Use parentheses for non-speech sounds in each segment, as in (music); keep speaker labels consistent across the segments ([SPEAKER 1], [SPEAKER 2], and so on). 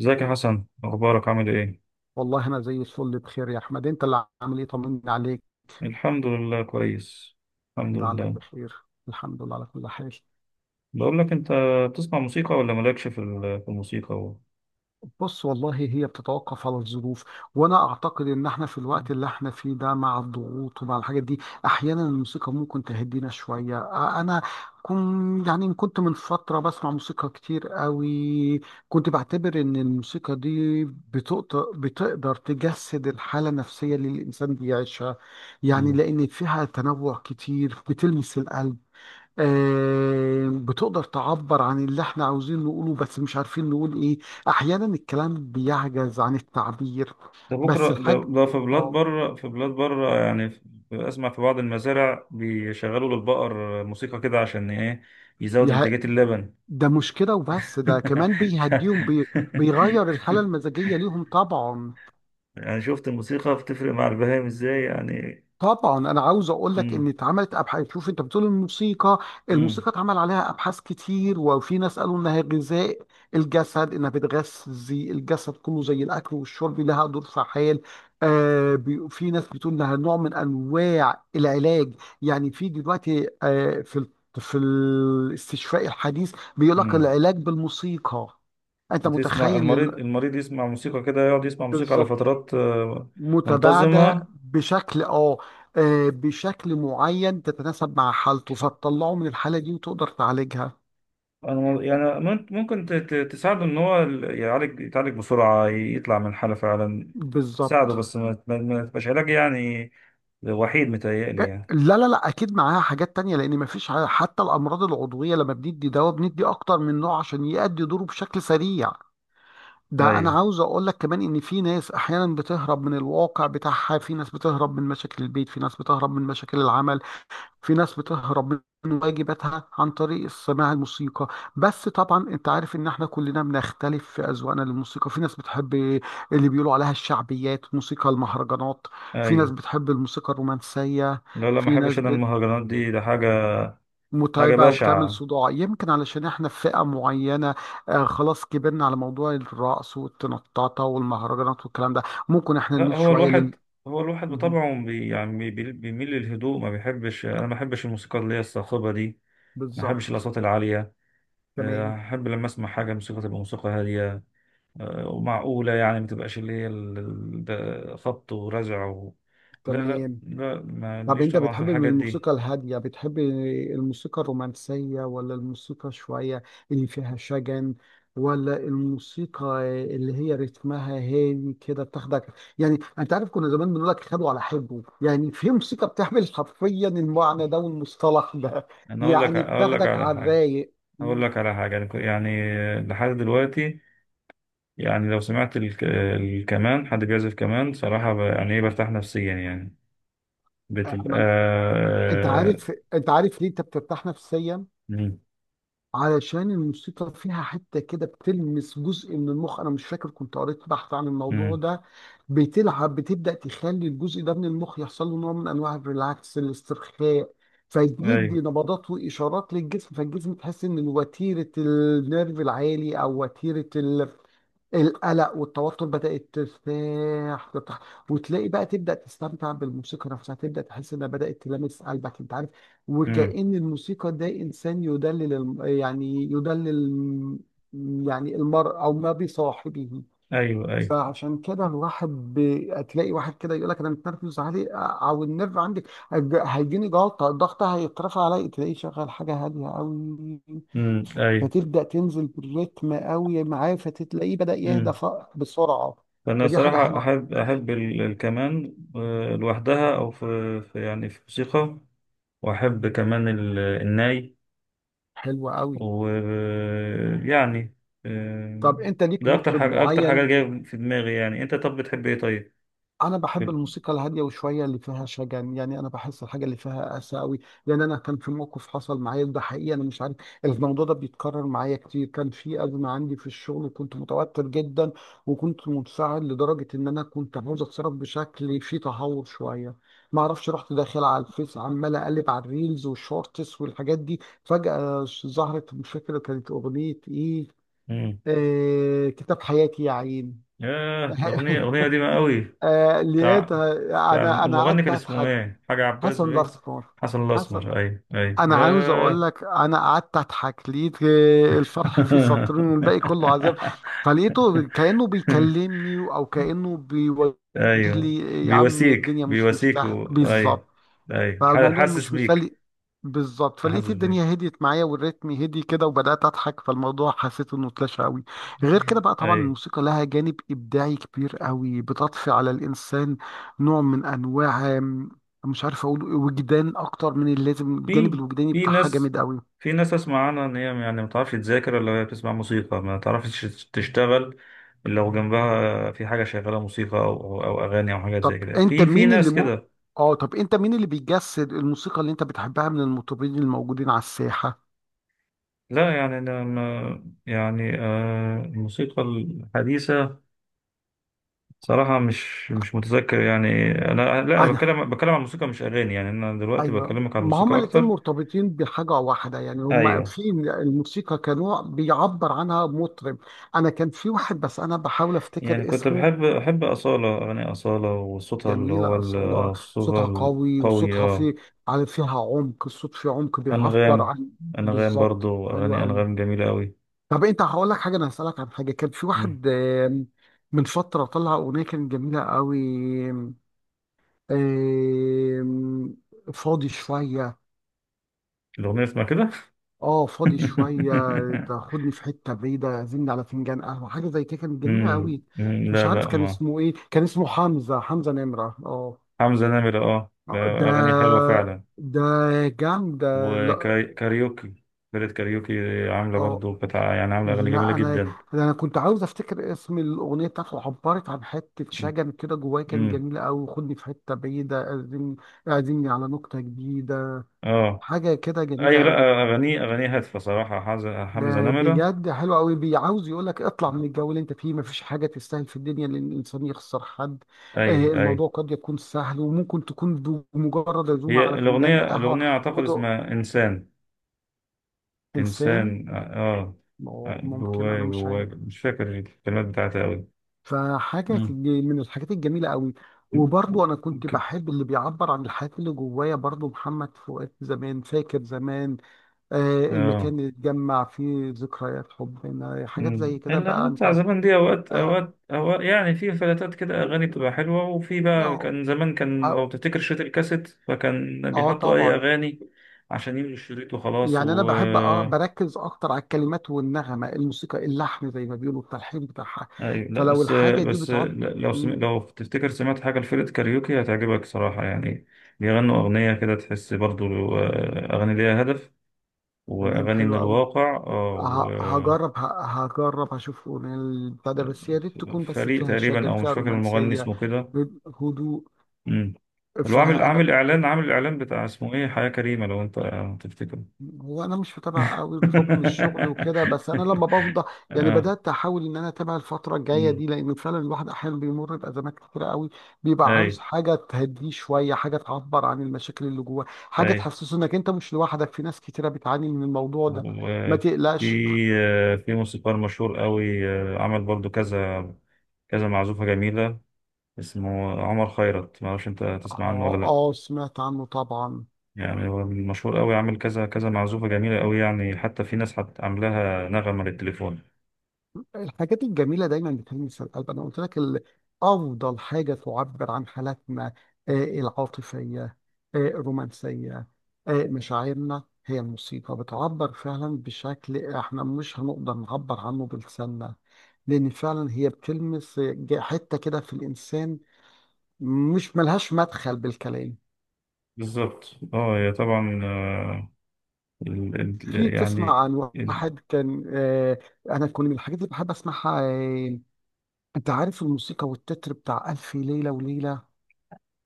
[SPEAKER 1] ازيك يا حسن؟ اخبارك؟ عامل ايه؟
[SPEAKER 2] والله انا زي الفل بخير يا احمد، انت اللي عامل ايه؟ طمني عليك،
[SPEAKER 1] الحمد لله كويس. الحمد
[SPEAKER 2] لعلك
[SPEAKER 1] لله.
[SPEAKER 2] بخير. الحمد لله على كل حال.
[SPEAKER 1] بقول لك انت، بتسمع موسيقى ولا مالكش في الموسيقى
[SPEAKER 2] بص، والله هي بتتوقف على الظروف. وانا اعتقد ان احنا في الوقت اللي احنا فيه ده، مع الضغوط ومع الحاجات دي، احيانا الموسيقى ممكن تهدينا شويه. انا كن يعني كنت من فتره بسمع موسيقى كتير قوي. كنت بعتبر ان الموسيقى دي بتقدر تجسد الحاله النفسيه اللي الانسان بيعيشها، يعني
[SPEAKER 1] مم.
[SPEAKER 2] لان فيها تنوع كتير بتلمس القلب. بتقدر تعبر عن اللي احنا عاوزين نقوله بس مش عارفين نقول ايه. احيانا الكلام بيعجز عن التعبير.
[SPEAKER 1] ده
[SPEAKER 2] بس
[SPEAKER 1] بكره
[SPEAKER 2] الحاج
[SPEAKER 1] ده، في بلاد
[SPEAKER 2] اه.
[SPEAKER 1] بره في بلاد بره يعني اسمع، في بعض المزارع بيشغلوا للبقر موسيقى كده عشان ايه؟ يزود
[SPEAKER 2] يه-
[SPEAKER 1] انتاجية اللبن.
[SPEAKER 2] ده مشكلة، وبس ده كمان
[SPEAKER 1] (laughs) ف...
[SPEAKER 2] بيهديهم، بيغير الحالة المزاجية ليهم طبعا.
[SPEAKER 1] يعني شفت الموسيقى بتفرق مع البهائم ازاي يعني؟
[SPEAKER 2] طبعا انا عاوز اقول لك ان
[SPEAKER 1] امم.
[SPEAKER 2] اتعملت ابحاث. شوف، انت بتقول الموسيقى. الموسيقى اتعمل عليها ابحاث كتير، وفي ناس قالوا انها غذاء الجسد، انها بتغذي الجسد كله زي الاكل والشرب، لها دور فعال. آه، في ناس بتقول انها نوع من انواع العلاج. يعني في دلوقتي، آه، في الاستشفاء الحديث بيقول لك
[SPEAKER 1] امم.
[SPEAKER 2] العلاج بالموسيقى. انت
[SPEAKER 1] بتسمع
[SPEAKER 2] متخيل
[SPEAKER 1] المريض، يسمع موسيقى كده، يقعد يسمع موسيقى على
[SPEAKER 2] بالظبط.
[SPEAKER 1] فترات،
[SPEAKER 2] متباعدة
[SPEAKER 1] منتظمة.
[SPEAKER 2] بشكل اه، آه، بشكل معين تتناسب مع حالته فتطلعه من الحالة دي وتقدر تعالجها.
[SPEAKER 1] أنا- يعني ممكن تساعده إن هو يعالج، يتعالج بسرعة، يطلع من الحالة فعلا. تساعده،
[SPEAKER 2] بالظبط.
[SPEAKER 1] بس ما ما تبقاش علاج يعني، وحيد، متهيألي
[SPEAKER 2] إيه،
[SPEAKER 1] يعني.
[SPEAKER 2] لا لا لا، اكيد معاها حاجات تانية، لان مفيش حتى الامراض العضوية لما بندي دواء بندي اكتر من نوع عشان يأدي دوره بشكل سريع. ده انا
[SPEAKER 1] أيوه.
[SPEAKER 2] عاوز اقول لك كمان ان في ناس احيانا بتهرب من الواقع بتاعها، في ناس بتهرب من مشاكل البيت، في ناس بتهرب من مشاكل العمل، في ناس بتهرب من واجباتها عن طريق سماع الموسيقى. بس طبعا انت عارف ان احنا كلنا بنختلف في اذواقنا للموسيقى. في ناس بتحب اللي بيقولوا عليها الشعبيات، موسيقى المهرجانات. في ناس
[SPEAKER 1] أيوه.
[SPEAKER 2] بتحب الموسيقى الرومانسية.
[SPEAKER 1] لا، لا، ما
[SPEAKER 2] في
[SPEAKER 1] أحبش
[SPEAKER 2] ناس
[SPEAKER 1] أنا المهرجانات دي، ده حاجة، حاجة
[SPEAKER 2] متعبة وبتعمل
[SPEAKER 1] بشعة.
[SPEAKER 2] صداع. يمكن علشان احنا في فئة معينة، آه، خلاص كبرنا على موضوع الرقص والتنططة والمهرجانات والكلام ده. ممكن احنا
[SPEAKER 1] لا،
[SPEAKER 2] نميل
[SPEAKER 1] هو
[SPEAKER 2] شوية
[SPEAKER 1] الواحد،
[SPEAKER 2] لل،
[SPEAKER 1] هو الواحد
[SPEAKER 2] مهم.
[SPEAKER 1] بطبعه بيميل للهدوء، ما بيحبش، أنا ما بحبش الموسيقى اللي هي الصاخبة دي، ما بحبش
[SPEAKER 2] بالظبط.
[SPEAKER 1] الأصوات العالية.
[SPEAKER 2] تمام.
[SPEAKER 1] أحب لما أسمع حاجة موسيقى تبقى موسيقى هادية، ومعقولة يعني، ما تبقاش اللي هي ده خبط ورزع لا، لا،
[SPEAKER 2] تمام.
[SPEAKER 1] لا، ما
[SPEAKER 2] طب
[SPEAKER 1] ليش
[SPEAKER 2] انت
[SPEAKER 1] طبعا في
[SPEAKER 2] بتحب من
[SPEAKER 1] الحاجات دي.
[SPEAKER 2] الموسيقى الهادية، بتحب الموسيقى الرومانسية، ولا الموسيقى شوية اللي فيها شجن، ولا الموسيقى اللي هي رتمها هادي كده بتاخدك؟ يعني انت عارف كنا زمان بنقول لك خدوا على حبه، يعني في موسيقى بتعمل حرفيا المعنى ده والمصطلح ده.
[SPEAKER 1] أنا أقول لك
[SPEAKER 2] يعني
[SPEAKER 1] أقول لك
[SPEAKER 2] بتاخدك
[SPEAKER 1] على
[SPEAKER 2] على
[SPEAKER 1] حاجة،
[SPEAKER 2] الرايق.
[SPEAKER 1] أقول
[SPEAKER 2] م-
[SPEAKER 1] لك على حاجة، يعني يعني، لحد دلوقتي، يعني لو سمعت الكمان، حد بيعزف كمان صراحة يعني إيه، برتاح نفسيا يعني،
[SPEAKER 2] أ-
[SPEAKER 1] بتبقى
[SPEAKER 2] من- انت عارف، ليه انت بترتاح نفسيا؟
[SPEAKER 1] مم.
[SPEAKER 2] علشان الموسيقى فيها حتة كده بتلمس جزء من المخ. أنا مش فاكر، كنت قريت بحث عن الموضوع
[SPEAKER 1] مم.
[SPEAKER 2] ده. بتبدأ تخلي الجزء ده من المخ يحصل له نوع من أنواع الريلاكس، الاسترخاء. فيدي
[SPEAKER 1] أيوه.
[SPEAKER 2] نبضات وإشارات للجسم، فالجسم تحس إن وتيرة النيرف العالي، أو وتيرة القلق والتوتر، بدأت ترتاح. وتلاقي بقى تبدأ تستمتع بالموسيقى نفسها، تبدأ تحس انها بدأت تلامس قلبك، انت عارف.
[SPEAKER 1] مم.
[SPEAKER 2] وكأن الموسيقى ده انسان يدلل يدلل يعني المرء او ما بصاحبه.
[SPEAKER 1] أيوه. أيوه.
[SPEAKER 2] فعشان كده الواحد تلاقي واحد كده يقول لك انا متنرفز عليه، او النرف عندي هيجيني جلطه، الضغط هيترفع عليا، تلاقيه شغال حاجه هاديه قوي،
[SPEAKER 1] مم. أيوه.
[SPEAKER 2] فتبدا تنزل بالريتم قوي معاه، فتلاقيه بدا يهدى بسرعه.
[SPEAKER 1] فأنا
[SPEAKER 2] فدي حاجه
[SPEAKER 1] صراحة
[SPEAKER 2] حلوه،
[SPEAKER 1] أحب الكمان لوحدها، أو يعني في موسيقى، وأحب كمان الناي،
[SPEAKER 2] حلوه قوي.
[SPEAKER 1] ويعني آه،
[SPEAKER 2] طب انت ليك
[SPEAKER 1] ده أكتر
[SPEAKER 2] مطرب
[SPEAKER 1] حاجة، أكتر حاجة
[SPEAKER 2] معين؟
[SPEAKER 1] جاية في دماغي يعني. أنت طب بتحب إيه طيب؟
[SPEAKER 2] انا
[SPEAKER 1] في
[SPEAKER 2] بحب
[SPEAKER 1] ال-
[SPEAKER 2] الموسيقى الهاديه وشويه اللي فيها شجن. يعني انا بحس الحاجه اللي فيها اسى قوي. لان انا كان في موقف حصل معايا، ده حقيقي، انا مش عارف الموضوع ده بيتكرر معايا كتير. كان في ازمه عندي في الشغل وكنت متوتر جدا، وكنت منفعل لدرجه ان انا كنت عاوز اتصرف بشكل فيه تهور شويه. ما اعرفش رحت داخل على الفيس، عمال اقلب على الريلز والشورتس والحاجات دي، فجاه ظهرت، مش فاكره كانت اغنيه ايه،
[SPEAKER 1] مم.
[SPEAKER 2] آه، كتاب حياتي يا عين. (laughs)
[SPEAKER 1] ياه، الأغنية قديمة قوي.
[SPEAKER 2] آه
[SPEAKER 1] بتاع
[SPEAKER 2] لقيتها.
[SPEAKER 1] بتاع
[SPEAKER 2] انا
[SPEAKER 1] المغني
[SPEAKER 2] قعدت
[SPEAKER 1] كان اسمه
[SPEAKER 2] اضحك.
[SPEAKER 1] إيه؟ حاجة، عباس
[SPEAKER 2] حسن
[SPEAKER 1] باين،
[SPEAKER 2] الاسمر.
[SPEAKER 1] حسن
[SPEAKER 2] حسن.
[SPEAKER 1] الأسمر، أيوه، أيوه،
[SPEAKER 2] انا عاوز اقول
[SPEAKER 1] ياه.
[SPEAKER 2] لك، انا قعدت اضحك، لقيت آه، الفرح فيه سطرين والباقي كله
[SPEAKER 1] (laughs)
[SPEAKER 2] عذاب. فلقيته كانه بيكلمني او كانه بيوجه
[SPEAKER 1] ايوه.
[SPEAKER 2] لي، يا عم
[SPEAKER 1] بيواسيك
[SPEAKER 2] الدنيا مش
[SPEAKER 1] بيواسيك
[SPEAKER 2] مستاهله،
[SPEAKER 1] ايوه.
[SPEAKER 2] بالظبط.
[SPEAKER 1] ايوه
[SPEAKER 2] فالموضوع
[SPEAKER 1] حاسس
[SPEAKER 2] مش
[SPEAKER 1] بيك،
[SPEAKER 2] مسلي. بالظبط. فلقيت
[SPEAKER 1] حاسس بيك،
[SPEAKER 2] الدنيا هديت معايا، والريتم هدي كده، وبدأت أضحك، فالموضوع حسيت إنه اتلاشى قوي. غير كده بقى، طبعا
[SPEAKER 1] ايوه.
[SPEAKER 2] الموسيقى لها جانب إبداعي كبير قوي، بتضفي على الإنسان نوع من أنواع، مش عارف أقول وجدان أكتر من اللازم. الجانب
[SPEAKER 1] في
[SPEAKER 2] الوجداني
[SPEAKER 1] في
[SPEAKER 2] بتاعها
[SPEAKER 1] ناس
[SPEAKER 2] جامد قوي.
[SPEAKER 1] في ناس اسمع عنها ان هي، يعني ما بتعرفش تذاكر الا وهي بتسمع موسيقى، ما تعرفش تشتغل الا لو جنبها في حاجه شغاله موسيقى، او أو اغاني او حاجات زي
[SPEAKER 2] طب
[SPEAKER 1] كده،
[SPEAKER 2] أنت
[SPEAKER 1] في
[SPEAKER 2] مين اللي
[SPEAKER 1] ناس
[SPEAKER 2] م...
[SPEAKER 1] كده.
[SPEAKER 2] آه، طب أنت مين اللي بيجسد الموسيقى اللي أنت بتحبها من المطربين الموجودين على الساحة؟
[SPEAKER 1] لا، يعني انا، ما يعني، الموسيقى الحديثه صراحه مش متذكر يعني. انا، لا، أنا بتكلم عن الموسيقى مش اغاني، يعني انا دلوقتي
[SPEAKER 2] ايوه،
[SPEAKER 1] بكلمك عن
[SPEAKER 2] ما هما
[SPEAKER 1] الموسيقى
[SPEAKER 2] الاتنين
[SPEAKER 1] اكتر.
[SPEAKER 2] مرتبطين بحاجة واحدة. يعني هما
[SPEAKER 1] ايوه.
[SPEAKER 2] في الموسيقى كنوع بيعبر عنها مطرب. انا كان في واحد بس انا بحاول
[SPEAKER 1] يعني
[SPEAKER 2] افتكر
[SPEAKER 1] كنت
[SPEAKER 2] اسمه.
[SPEAKER 1] بحب اصاله، اغاني اصاله وصوتها اللي هو
[SPEAKER 2] جميلة أصالة.
[SPEAKER 1] صوتها
[SPEAKER 2] صوتها قوي،
[SPEAKER 1] القوي،
[SPEAKER 2] وصوتها فيه، على فيها عمق، الصوت فيه عمق بيعبر
[SPEAKER 1] انغام
[SPEAKER 2] عن.
[SPEAKER 1] انغام
[SPEAKER 2] بالظبط،
[SPEAKER 1] برضو
[SPEAKER 2] حلو
[SPEAKER 1] اغاني
[SPEAKER 2] قوي.
[SPEAKER 1] انغام جميله قوي.
[SPEAKER 2] طب انت، هقول لك حاجة، انا هسألك عن حاجة. كان في
[SPEAKER 1] مم.
[SPEAKER 2] واحد، من فترة طلع أغنية كانت جميلة قوي. آم، فاضي شوية.
[SPEAKER 1] الاغنيه اسمها كده.
[SPEAKER 2] اه، فاضي شوية.
[SPEAKER 1] (laughs)
[SPEAKER 2] تاخدني في حتة بعيدة، عزمني على فنجان قهوة، حاجة زي كده، كانت جميلة
[SPEAKER 1] مم.
[SPEAKER 2] قوي.
[SPEAKER 1] مم.
[SPEAKER 2] مش
[SPEAKER 1] لا،
[SPEAKER 2] عارف
[SPEAKER 1] لا،
[SPEAKER 2] كان
[SPEAKER 1] ما.
[SPEAKER 2] اسمه ايه، كان اسمه حمزة، حمزة نمرة، اه.
[SPEAKER 1] حمزه نمره،
[SPEAKER 2] آه، ده،
[SPEAKER 1] اغاني حلوه فعلا،
[SPEAKER 2] ده جامد، لا.
[SPEAKER 1] وكاريوكي، فرقه كاريوكي عامله
[SPEAKER 2] اه.
[SPEAKER 1] برضو، كانت يعني عامله اغاني جميله
[SPEAKER 2] لا انا،
[SPEAKER 1] جدا.
[SPEAKER 2] انا كنت عاوز افتكر اسم الاغنيه بتاعته، عبرت عن حته شجن كده جوايا، كان
[SPEAKER 1] مم.
[SPEAKER 2] جميله قوي. خدني في حته بعيده، اعزمني، اعزمني على نكته جديده،
[SPEAKER 1] اه.
[SPEAKER 2] حاجه كده جميله
[SPEAKER 1] ايوه.
[SPEAKER 2] قوي.
[SPEAKER 1] لا، اغاني هادفه صراحه، حمزه
[SPEAKER 2] آه،
[SPEAKER 1] نمره.
[SPEAKER 2] بجد حلو قوي. بيعاوز يقول لك اطلع من الجو اللي انت فيه، مفيش حاجه تستاهل في الدنيا ان الانسان يخسر حد. آه،
[SPEAKER 1] ايوه، ايوه.
[SPEAKER 2] الموضوع قد يكون سهل، وممكن تكون بمجرد عزومه
[SPEAKER 1] هي
[SPEAKER 2] على
[SPEAKER 1] الأغنية
[SPEAKER 2] فنجان قهوه
[SPEAKER 1] الأغنية أعتقد
[SPEAKER 2] ودق.
[SPEAKER 1] اسمها إنسان،
[SPEAKER 2] انسان،
[SPEAKER 1] إنسان، آه.
[SPEAKER 2] ممكن، انا
[SPEAKER 1] جواي
[SPEAKER 2] مش
[SPEAKER 1] جواي
[SPEAKER 2] عارف.
[SPEAKER 1] مش فاكر الكلمات بتاعتها أوي. مم.
[SPEAKER 2] من الحاجات الجميله قوي. وبرضه انا كنت
[SPEAKER 1] ك-
[SPEAKER 2] بحب اللي بيعبر عن الحاجات اللي جوايا. برضه محمد فؤاد زمان، فاكر زمان، آه،
[SPEAKER 1] آه.
[SPEAKER 2] المكان اللي اتجمع فيه ذكريات حبنا، حاجات
[SPEAKER 1] مم.
[SPEAKER 2] زي كده بقى
[SPEAKER 1] الأغاني
[SPEAKER 2] انت.
[SPEAKER 1] بتاع زمان دي، أوقات
[SPEAKER 2] آه،
[SPEAKER 1] أوقات أوقات يعني في فلاتات كده أغاني بتبقى حلوة، وفي بقى، كان زمان، كان لو
[SPEAKER 2] آه،
[SPEAKER 1] تفتكر شريط الكاسيت، فكان
[SPEAKER 2] اه
[SPEAKER 1] بيحطوا أي
[SPEAKER 2] طبعا.
[SPEAKER 1] أغاني عشان يملوا الشريط وخلاص.
[SPEAKER 2] يعني انا بحب اه بركز اكتر على الكلمات والنغمه، الموسيقى، اللحن زي ما بيقولوا، التلحين بتاعها،
[SPEAKER 1] ايوه، لا،
[SPEAKER 2] فلو
[SPEAKER 1] بس
[SPEAKER 2] الحاجه دي
[SPEAKER 1] بس
[SPEAKER 2] بتعب.
[SPEAKER 1] لو
[SPEAKER 2] مم،
[SPEAKER 1] لو تفتكر سمعت حاجه لفرقه كاريوكي هتعجبك صراحه يعني، بيغنوا اغنيه كده تحس برضو، اغاني ليها هدف،
[SPEAKER 2] تمام،
[SPEAKER 1] واغاني
[SPEAKER 2] حلو
[SPEAKER 1] من
[SPEAKER 2] قوي.
[SPEAKER 1] الواقع،
[SPEAKER 2] هجرب، هجرب هشوف أغنية البتاع ده، بس يا ريت تكون بس
[SPEAKER 1] فريق
[SPEAKER 2] فيها
[SPEAKER 1] تقريبا،
[SPEAKER 2] شجن،
[SPEAKER 1] او مش
[SPEAKER 2] فيها
[SPEAKER 1] فاكر، المغني
[SPEAKER 2] رومانسيه،
[SPEAKER 1] اسمه كده.
[SPEAKER 2] هدوء.
[SPEAKER 1] امم. اللي هو عامل
[SPEAKER 2] فانا،
[SPEAKER 1] عامل اعلان عامل اعلان بتاع اسمه ايه، حياه كريمه، لو انت تفتكر.
[SPEAKER 2] هو انا مش متابع قوي بحكم الشغل وكده، بس انا لما بفضى
[SPEAKER 1] (laughs)
[SPEAKER 2] يعني
[SPEAKER 1] اه.
[SPEAKER 2] بدات احاول ان انا اتابع الفتره الجايه
[SPEAKER 1] أمم.
[SPEAKER 2] دي، لان فعلا الواحد احيانا بيمر بازمات كتيره قوي، بيبقى
[SPEAKER 1] اي.
[SPEAKER 2] عاوز حاجه تهديه شويه، حاجه تعبر عن المشاكل اللي جواه، حاجه
[SPEAKER 1] اي.
[SPEAKER 2] تحسسه انك انت مش لوحدك، في ناس كتيره بتعاني من الموضوع ده. ما
[SPEAKER 1] وفي
[SPEAKER 2] تقلقش.
[SPEAKER 1] في موسيقار مشهور قوي، عمل برضو كذا كذا معزوفة جميلة، اسمه عمر خيرت، ما اعرفش انت تسمع عنه ولا
[SPEAKER 2] اه،
[SPEAKER 1] لا؟
[SPEAKER 2] اه، سمعت عنه طبعا.
[SPEAKER 1] يعني هو مشهور قوي، عامل كذا كذا معزوفة جميلة قوي، يعني حتى في ناس عاملاها نغمة للتليفون.
[SPEAKER 2] الحاجات الجميلة دايما بتلمس القلب. أنا قلت لك أفضل حاجة تعبر عن حالاتنا، آه، العاطفية، آه، الرومانسية، آه، مشاعرنا، هي الموسيقى. بتعبر فعلا بشكل احنا مش هنقدر نعبر عنه بلساننا. لأن فعلا هي بتلمس، آه، حتة كده في الإنسان مش ملهاش مدخل بالكلام.
[SPEAKER 1] بالظبط. اه، هي طبعا، ال
[SPEAKER 2] في
[SPEAKER 1] ال يعني،
[SPEAKER 2] تسمع عن
[SPEAKER 1] ال
[SPEAKER 2] واحد كان، آه، أنا كل من الحاجات اللي بحب أسمعها، آه، أنت عارف الموسيقى والتتر بتاع ألف ليلة وليلة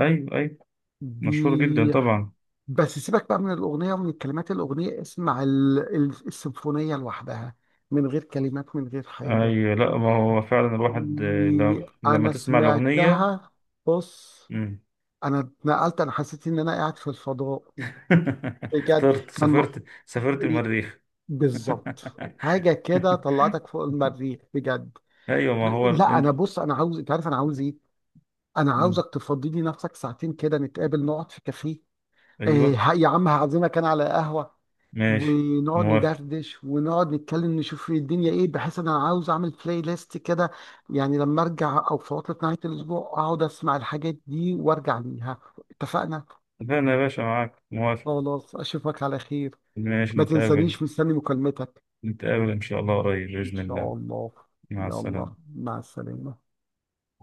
[SPEAKER 1] ايوه، ايوه، مشهور جدا
[SPEAKER 2] دي؟
[SPEAKER 1] طبعا.
[SPEAKER 2] بس سيبك بقى من الأغنية ومن الكلمات الأغنية، اسمع السيمفونية لوحدها، من غير كلمات من غير حاجة.
[SPEAKER 1] اي، لا، ما هو فعلا الواحد
[SPEAKER 2] دي
[SPEAKER 1] لما
[SPEAKER 2] أنا
[SPEAKER 1] تسمع الأغنية.
[SPEAKER 2] سمعتها. بص،
[SPEAKER 1] مم.
[SPEAKER 2] أنا اتنقلت، أنا حسيت إن أنا قاعد في الفضاء،
[SPEAKER 1] (laughs)
[SPEAKER 2] بجد.
[SPEAKER 1] طرت،
[SPEAKER 2] كان م-
[SPEAKER 1] سافرت
[SPEAKER 2] إيه،
[SPEAKER 1] المريخ. (laughs)
[SPEAKER 2] بالظبط، حاجة كده طلعتك فوق المريخ بجد.
[SPEAKER 1] ايوه، ما هو
[SPEAKER 2] لا
[SPEAKER 1] انت.
[SPEAKER 2] أنا، بص، أنا عاوز، أنت عارف أنا عاوز إيه؟ أنا
[SPEAKER 1] مم.
[SPEAKER 2] عاوزك تفضي لي نفسك ساعتين كده، نتقابل نقعد في كافيه. إيه
[SPEAKER 1] ايوه.
[SPEAKER 2] يا عم، هعزمك أنا على قهوة
[SPEAKER 1] ماشي.
[SPEAKER 2] ونقعد
[SPEAKER 1] موافق.
[SPEAKER 2] ندردش ونقعد نتكلم نشوف ايه الدنيا ايه، بحيث انا عاوز اعمل بلاي ليست كده، يعني لما ارجع او في عطلة نهاية الاسبوع اقعد اسمع الحاجات دي وارجع ليها. اتفقنا.
[SPEAKER 1] اتفقنا يا باشا، معاك، موافق.
[SPEAKER 2] خلاص، اشوفك على خير.
[SPEAKER 1] ماشي،
[SPEAKER 2] ما
[SPEAKER 1] نتقابل.
[SPEAKER 2] تنسانيش، مستني مكالمتك.
[SPEAKER 1] نتقابل ان شاء الله قريب
[SPEAKER 2] ان
[SPEAKER 1] باذن
[SPEAKER 2] شاء
[SPEAKER 1] الله.
[SPEAKER 2] الله.
[SPEAKER 1] مع السلامه.
[SPEAKER 2] يلا، مع السلامة.